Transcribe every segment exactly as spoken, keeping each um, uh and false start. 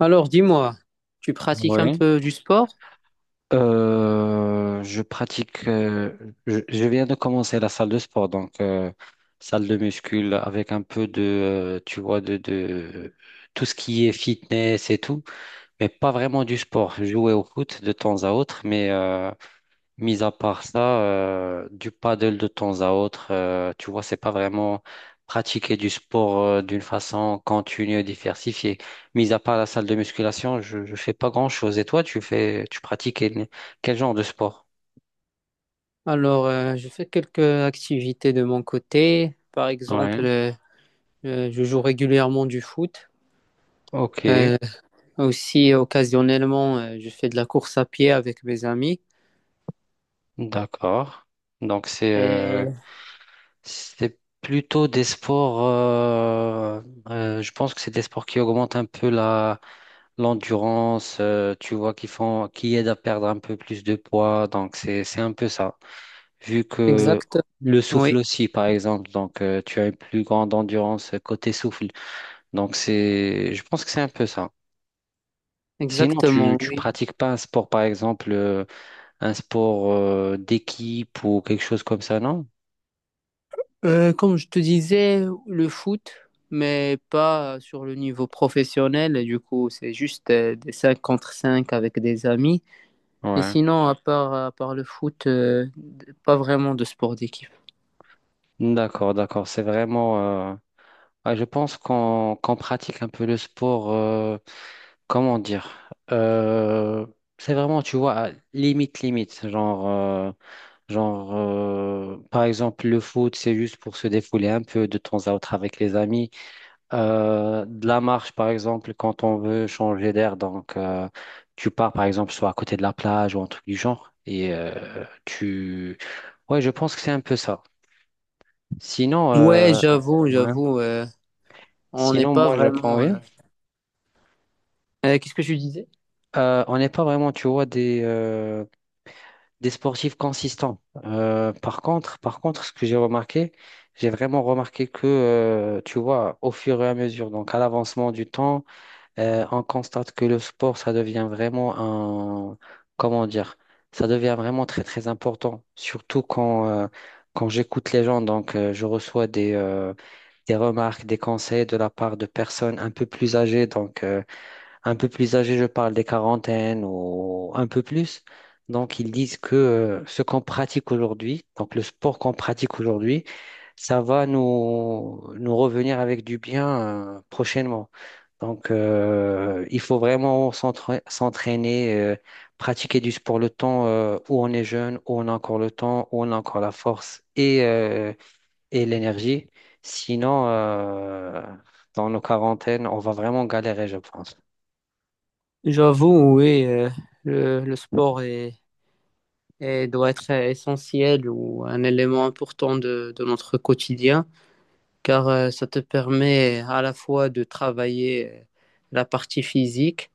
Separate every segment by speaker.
Speaker 1: Alors, dis-moi, tu pratiques un
Speaker 2: Oui.
Speaker 1: peu du sport?
Speaker 2: Euh, je pratique, euh, je, je viens de commencer la salle de sport, donc euh, salle de muscule avec un peu de, euh, tu vois, de, de tout ce qui est fitness et tout, mais pas vraiment du sport. Jouer au foot de temps à autre, mais euh, mis à part ça, euh, du paddle de temps à autre, euh, tu vois, c'est pas vraiment pratiquer du sport euh, d'une façon continue et diversifiée. Mis à part la salle de musculation, je, je fais pas grand-chose. Et toi, tu fais, tu pratiques quel, quel genre de sport?
Speaker 1: Alors, euh, je fais quelques activités de mon côté. Par
Speaker 2: Ouais.
Speaker 1: exemple, euh, euh, je joue régulièrement du foot.
Speaker 2: Ok.
Speaker 1: Euh, Aussi, occasionnellement, euh, je fais de la course à pied avec mes amis.
Speaker 2: D'accord. Donc c'est euh,
Speaker 1: Et
Speaker 2: C'est plutôt des sports, euh, euh, je pense que c'est des sports qui augmentent un peu la, l'endurance, euh, tu vois, qui font, qui aident à perdre un peu plus de poids. Donc, c'est, c'est un peu ça. Vu que
Speaker 1: exact,
Speaker 2: le souffle
Speaker 1: oui,
Speaker 2: aussi, par exemple, donc euh, tu as une plus grande endurance côté souffle. Donc, c'est, je pense que c'est un peu ça. Sinon, tu,
Speaker 1: exactement,
Speaker 2: tu
Speaker 1: oui.
Speaker 2: pratiques pas un sport, par exemple, euh, un sport euh, d'équipe ou quelque chose comme ça, non?
Speaker 1: Euh, comme je te disais, le foot, mais pas sur le niveau professionnel. Du coup, c'est juste euh, des cinq contre cinq avec des amis. Et
Speaker 2: Ouais.
Speaker 1: sinon, à part, à part le foot, euh, pas vraiment de sport d'équipe.
Speaker 2: D'accord, d'accord. C'est vraiment. Euh, ah, je pense qu'on qu'on pratique un peu le sport. Euh, comment dire? Euh, c'est vraiment, tu vois, à limite, limite. Genre, euh, genre euh, par exemple, le foot, c'est juste pour se défouler un peu de temps à autre avec les amis. Euh, de la marche, par exemple, quand on veut changer d'air. Donc, euh, tu pars, par exemple, soit à côté de la plage ou un truc du genre. Et euh, tu. Ouais, je pense que c'est un peu ça. Sinon,
Speaker 1: Ouais,
Speaker 2: euh,
Speaker 1: j'avoue,
Speaker 2: ouais.
Speaker 1: j'avoue, euh, on n'est
Speaker 2: Sinon,
Speaker 1: pas
Speaker 2: moi, j'apprends
Speaker 1: vraiment.
Speaker 2: rien.
Speaker 1: euh, euh, qu'est-ce que je disais?
Speaker 2: Euh, on n'est pas vraiment, tu vois, des, euh, des sportifs consistants. Euh, par contre, par contre, ce que j'ai remarqué, j'ai vraiment remarqué que, euh, tu vois, au fur et à mesure, donc à l'avancement du temps, euh, on constate que le sport, ça devient vraiment un, comment dire, ça devient vraiment très, très important. Surtout quand, euh, quand j'écoute les gens, donc euh, je reçois des, euh, des remarques, des conseils de la part de personnes un peu plus âgées. Donc, euh, un peu plus âgées, je parle des quarantaines ou un peu plus. Donc, ils disent que euh, ce qu'on pratique aujourd'hui, donc le sport qu'on pratique aujourd'hui, ça va nous, nous revenir avec du bien euh, prochainement. Donc, euh, il faut vraiment s'entra- s'entraîner, euh, pratiquer du sport le temps euh, où on est jeune, où on a encore le temps, où on a encore la force et euh, et l'énergie. Sinon, euh, dans nos quarantaines, on va vraiment galérer, je pense.
Speaker 1: J'avoue, oui, euh, le, le sport est, est- doit être essentiel ou un élément important de, de notre quotidien, car euh, ça te permet à la fois de travailler euh, la partie physique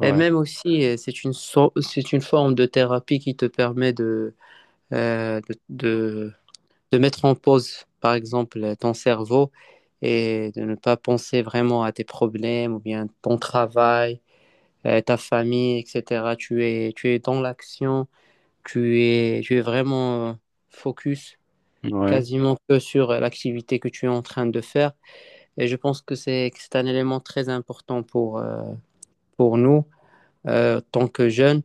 Speaker 1: et même aussi, euh, c'est une, so- c'est une forme de thérapie qui te permet de, euh, de, de mettre en pause, par exemple, ton cerveau et de ne pas penser vraiment à tes problèmes ou bien ton travail, euh, ta famille, et cetera. Tu es, tu es dans l'action, tu es, tu es vraiment euh, focus
Speaker 2: ouais.
Speaker 1: quasiment que sur l'activité que tu es en train de faire. Et je pense que c'est, que c'est un élément très important pour, euh, pour nous euh, en tant que jeune,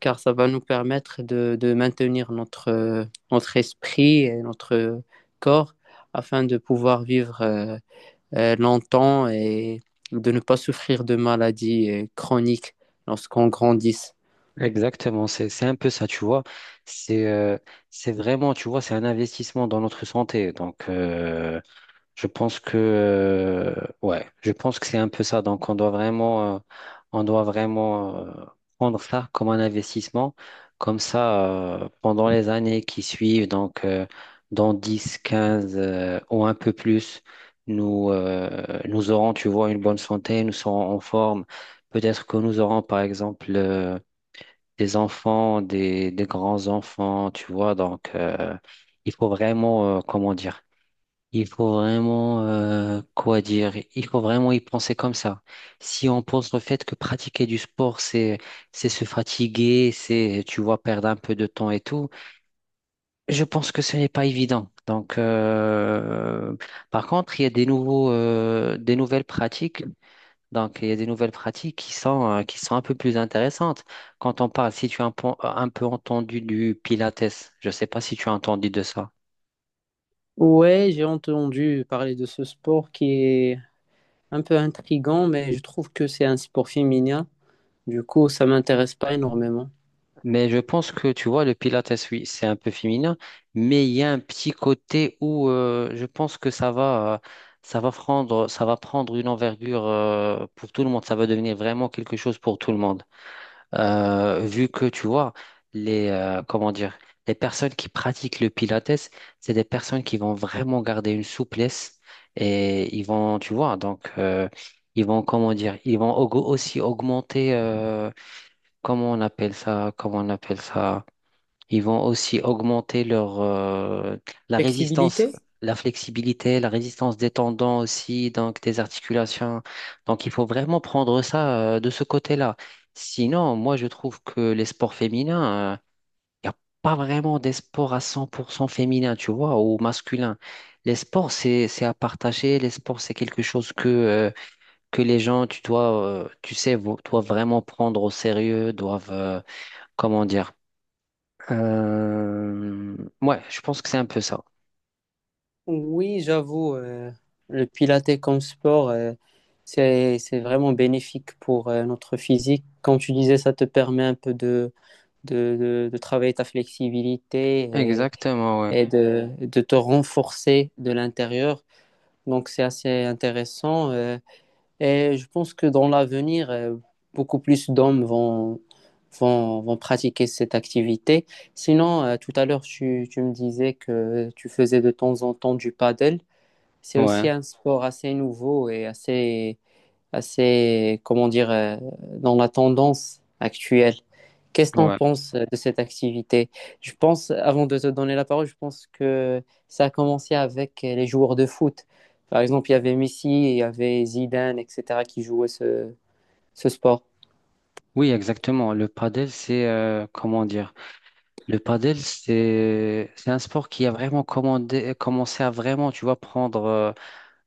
Speaker 1: car ça va nous permettre de, de maintenir notre, euh, notre esprit et notre euh, corps afin de pouvoir vivre euh, euh, longtemps et de ne pas souffrir de maladies euh, chroniques lorsqu'on grandisse.
Speaker 2: Exactement, c'est c'est un peu ça, tu vois. C'est euh, c'est vraiment, tu vois, c'est un investissement dans notre santé. Donc, euh, Je pense que euh, ouais, je pense que c'est un peu ça. Donc on doit vraiment euh, on doit vraiment euh, prendre ça comme un investissement. Comme ça, euh, pendant les années qui suivent, donc euh, dans dix, quinze euh, ou un peu plus, nous, euh, nous aurons, tu vois, une bonne santé, nous serons en forme. Peut-être que nous aurons, par exemple, euh, des enfants, des, des grands-enfants, tu vois. Donc, euh, il faut vraiment, euh, comment dire, il faut vraiment, euh, quoi dire, il faut vraiment y penser comme ça. Si on pense au fait que pratiquer du sport, c'est, c'est se fatiguer, c'est, tu vois, perdre un peu de temps et tout, je pense que ce n'est pas évident. Donc, euh, par contre, il y a des nouveaux, euh, des nouvelles pratiques. Donc, il y a des nouvelles pratiques qui sont, euh, qui sont un peu plus intéressantes. Quand on parle, si tu as un, peu un peu entendu du Pilates, je ne sais pas si tu as entendu de ça.
Speaker 1: Ouais, j'ai entendu parler de ce sport qui est un peu intrigant, mais je trouve que c'est un sport féminin. Du coup, ça m'intéresse pas énormément.
Speaker 2: Mais je pense que tu vois, le Pilates, oui, c'est un peu féminin, mais il y a un petit côté où euh, je pense que ça va, euh, ça va prendre, ça va prendre une envergure euh, pour tout le monde. Ça va devenir vraiment quelque chose pour tout le monde. Euh, vu que tu vois, les, euh, comment dire, les personnes qui pratiquent le Pilates, c'est des personnes qui vont vraiment garder une souplesse et ils vont, tu vois, donc euh, ils vont, comment dire, ils vont au- aussi augmenter, euh, comment on appelle ça, comment on appelle ça. Ils vont aussi augmenter leur, euh, la résistance,
Speaker 1: Flexibilité?
Speaker 2: la flexibilité, la résistance des tendons aussi, donc des articulations. Donc, il faut vraiment prendre ça, euh, de ce côté-là. Sinon, moi, je trouve que les sports féminins, il n'y a pas vraiment des sports à cent pour cent féminins, tu vois, ou masculins. Les sports, c'est, c'est à partager. Les sports, c'est quelque chose que, euh, que les gens, tu dois, euh, tu sais, vo- doivent vraiment prendre au sérieux, doivent, euh, comment dire, euh, ouais, je pense que c'est un peu ça.
Speaker 1: Oui, j'avoue, euh, le pilates comme sport, euh, c'est, c'est vraiment bénéfique pour euh, notre physique. Comme tu disais, ça te permet un peu de, de, de- de travailler ta flexibilité et,
Speaker 2: Exactement, ouais.
Speaker 1: et de, de te renforcer de l'intérieur. Donc, c'est assez intéressant. Euh, et je pense que dans l'avenir, euh, beaucoup plus d'hommes vont, vont, vont pratiquer cette activité. Sinon, euh, tout à l'heure, tu, tu me disais que tu faisais de temps en temps du paddle, c'est aussi
Speaker 2: Ouais,
Speaker 1: un sport assez nouveau et assez, assez comment dire, euh, dans la tendance actuelle. Qu'est-ce que tu en
Speaker 2: ouais.
Speaker 1: penses de cette activité? Je pense, avant de te donner la parole, je pense que ça a commencé avec les joueurs de foot. Par exemple, il y avait Messi, il y avait Zidane, et cetera, qui jouaient ce, ce sport.
Speaker 2: Oui, exactement. Le padel, c'est euh, comment dire? Le padel, c'est c'est un sport qui a vraiment commandé, commencé à vraiment, tu vois, prendre, euh,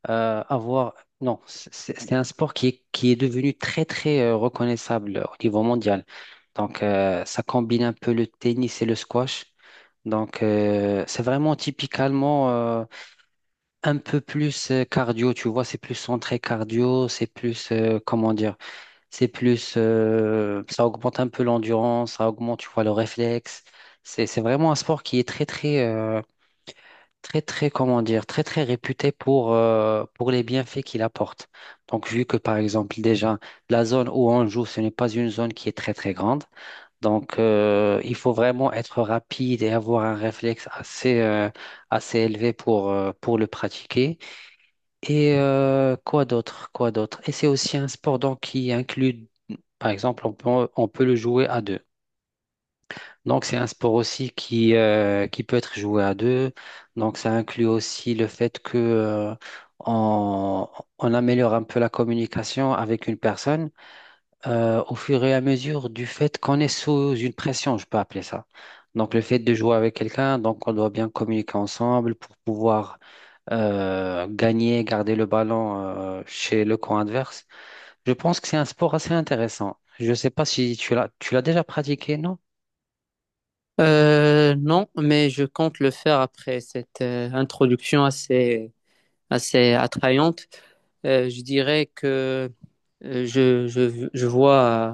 Speaker 2: euh, avoir. Non, c'est c'est- c'est un sport qui est, qui est devenu très très euh, reconnaissable au niveau mondial. Donc, euh, ça combine un peu le tennis et le squash. Donc, euh, c'est vraiment typiquement euh, un peu plus euh, cardio, tu vois, c'est plus centré cardio, c'est plus, euh, comment dire, c'est plus, euh, ça augmente un peu l'endurance, ça augmente, tu vois, le réflexe. C'est, c'est vraiment un sport qui est très, très, euh, très, très, comment dire, très, très réputé pour, euh, pour les bienfaits qu'il apporte. Donc, vu que, par exemple, déjà, la zone où on joue, ce n'est pas une zone qui est très, très grande. Donc, euh, il faut vraiment être rapide et avoir un réflexe assez, euh, assez élevé pour, euh, pour le pratiquer. Et euh, quoi d'autre? Quoi d'autre? Et c'est aussi un sport donc qui inclut, par exemple, on peut, on peut le jouer à deux. Donc c'est un sport aussi qui, euh, qui peut être joué à deux. Donc ça inclut aussi le fait que euh, on, on améliore un peu la communication avec une personne euh, au fur et à mesure du fait qu'on est sous une pression, je peux appeler ça. Donc le fait de jouer avec quelqu'un, donc on doit bien communiquer ensemble pour pouvoir euh, gagner, garder le ballon euh, chez le camp adverse. Je pense que c'est un sport assez intéressant. Je ne sais pas si tu l'as tu l'as déjà pratiqué, non?
Speaker 1: Euh, non, mais je compte le faire après cette euh, introduction assez, assez attrayante. Euh, je dirais que Euh, Je, je, je vois euh,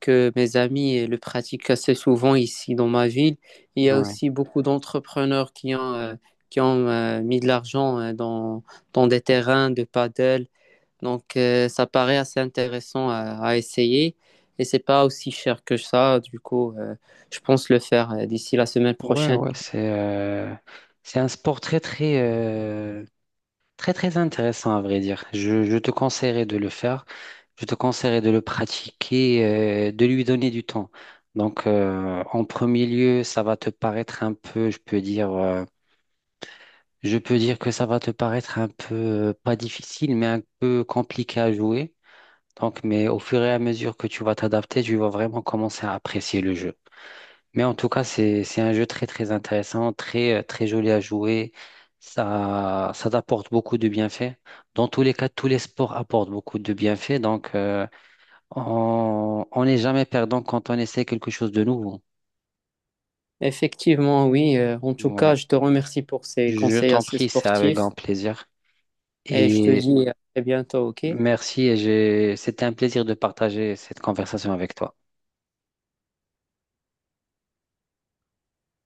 Speaker 1: que mes amis euh, le pratiquent assez souvent ici dans ma ville. Il y a
Speaker 2: Ouais,
Speaker 1: aussi beaucoup d'entrepreneurs qui ont, euh, qui ont euh, mis de l'argent euh, dans, dans des terrains de paddle. Donc, euh, ça paraît assez intéressant à, à essayer et c'est pas aussi cher que ça. Du coup, euh, je pense le faire euh, d'ici la semaine
Speaker 2: ouais,
Speaker 1: prochaine.
Speaker 2: ouais, c'est euh, c'est un sport très très euh, très très intéressant à vrai dire. Je, je te conseillerais de le faire. Je te conseillerais de le pratiquer, euh, de lui donner du temps. Donc, euh, en premier lieu, ça va te paraître un peu, je peux dire. Euh, Je peux dire que ça va te paraître un peu, euh, pas difficile, mais un peu compliqué à jouer. Donc, mais au fur et à mesure que tu vas t'adapter, tu vas vraiment commencer à apprécier le jeu. Mais en tout cas, c'est, c'est un jeu très, très intéressant, très, euh, très joli à jouer. Ça, ça t'apporte beaucoup de bienfaits. Dans tous les cas, tous les sports apportent beaucoup de bienfaits. Donc, euh, on, on n'est jamais perdant quand on essaie quelque chose de nouveau.
Speaker 1: Effectivement, oui. Euh, en tout
Speaker 2: Ouais.
Speaker 1: cas, je te remercie pour ces
Speaker 2: Je
Speaker 1: conseils
Speaker 2: t'en
Speaker 1: assez
Speaker 2: prie, c'est avec
Speaker 1: sportifs
Speaker 2: grand plaisir.
Speaker 1: et je te
Speaker 2: Et
Speaker 1: dis à très bientôt, OK?
Speaker 2: Merci et j'ai, c'était un plaisir de partager cette conversation avec toi.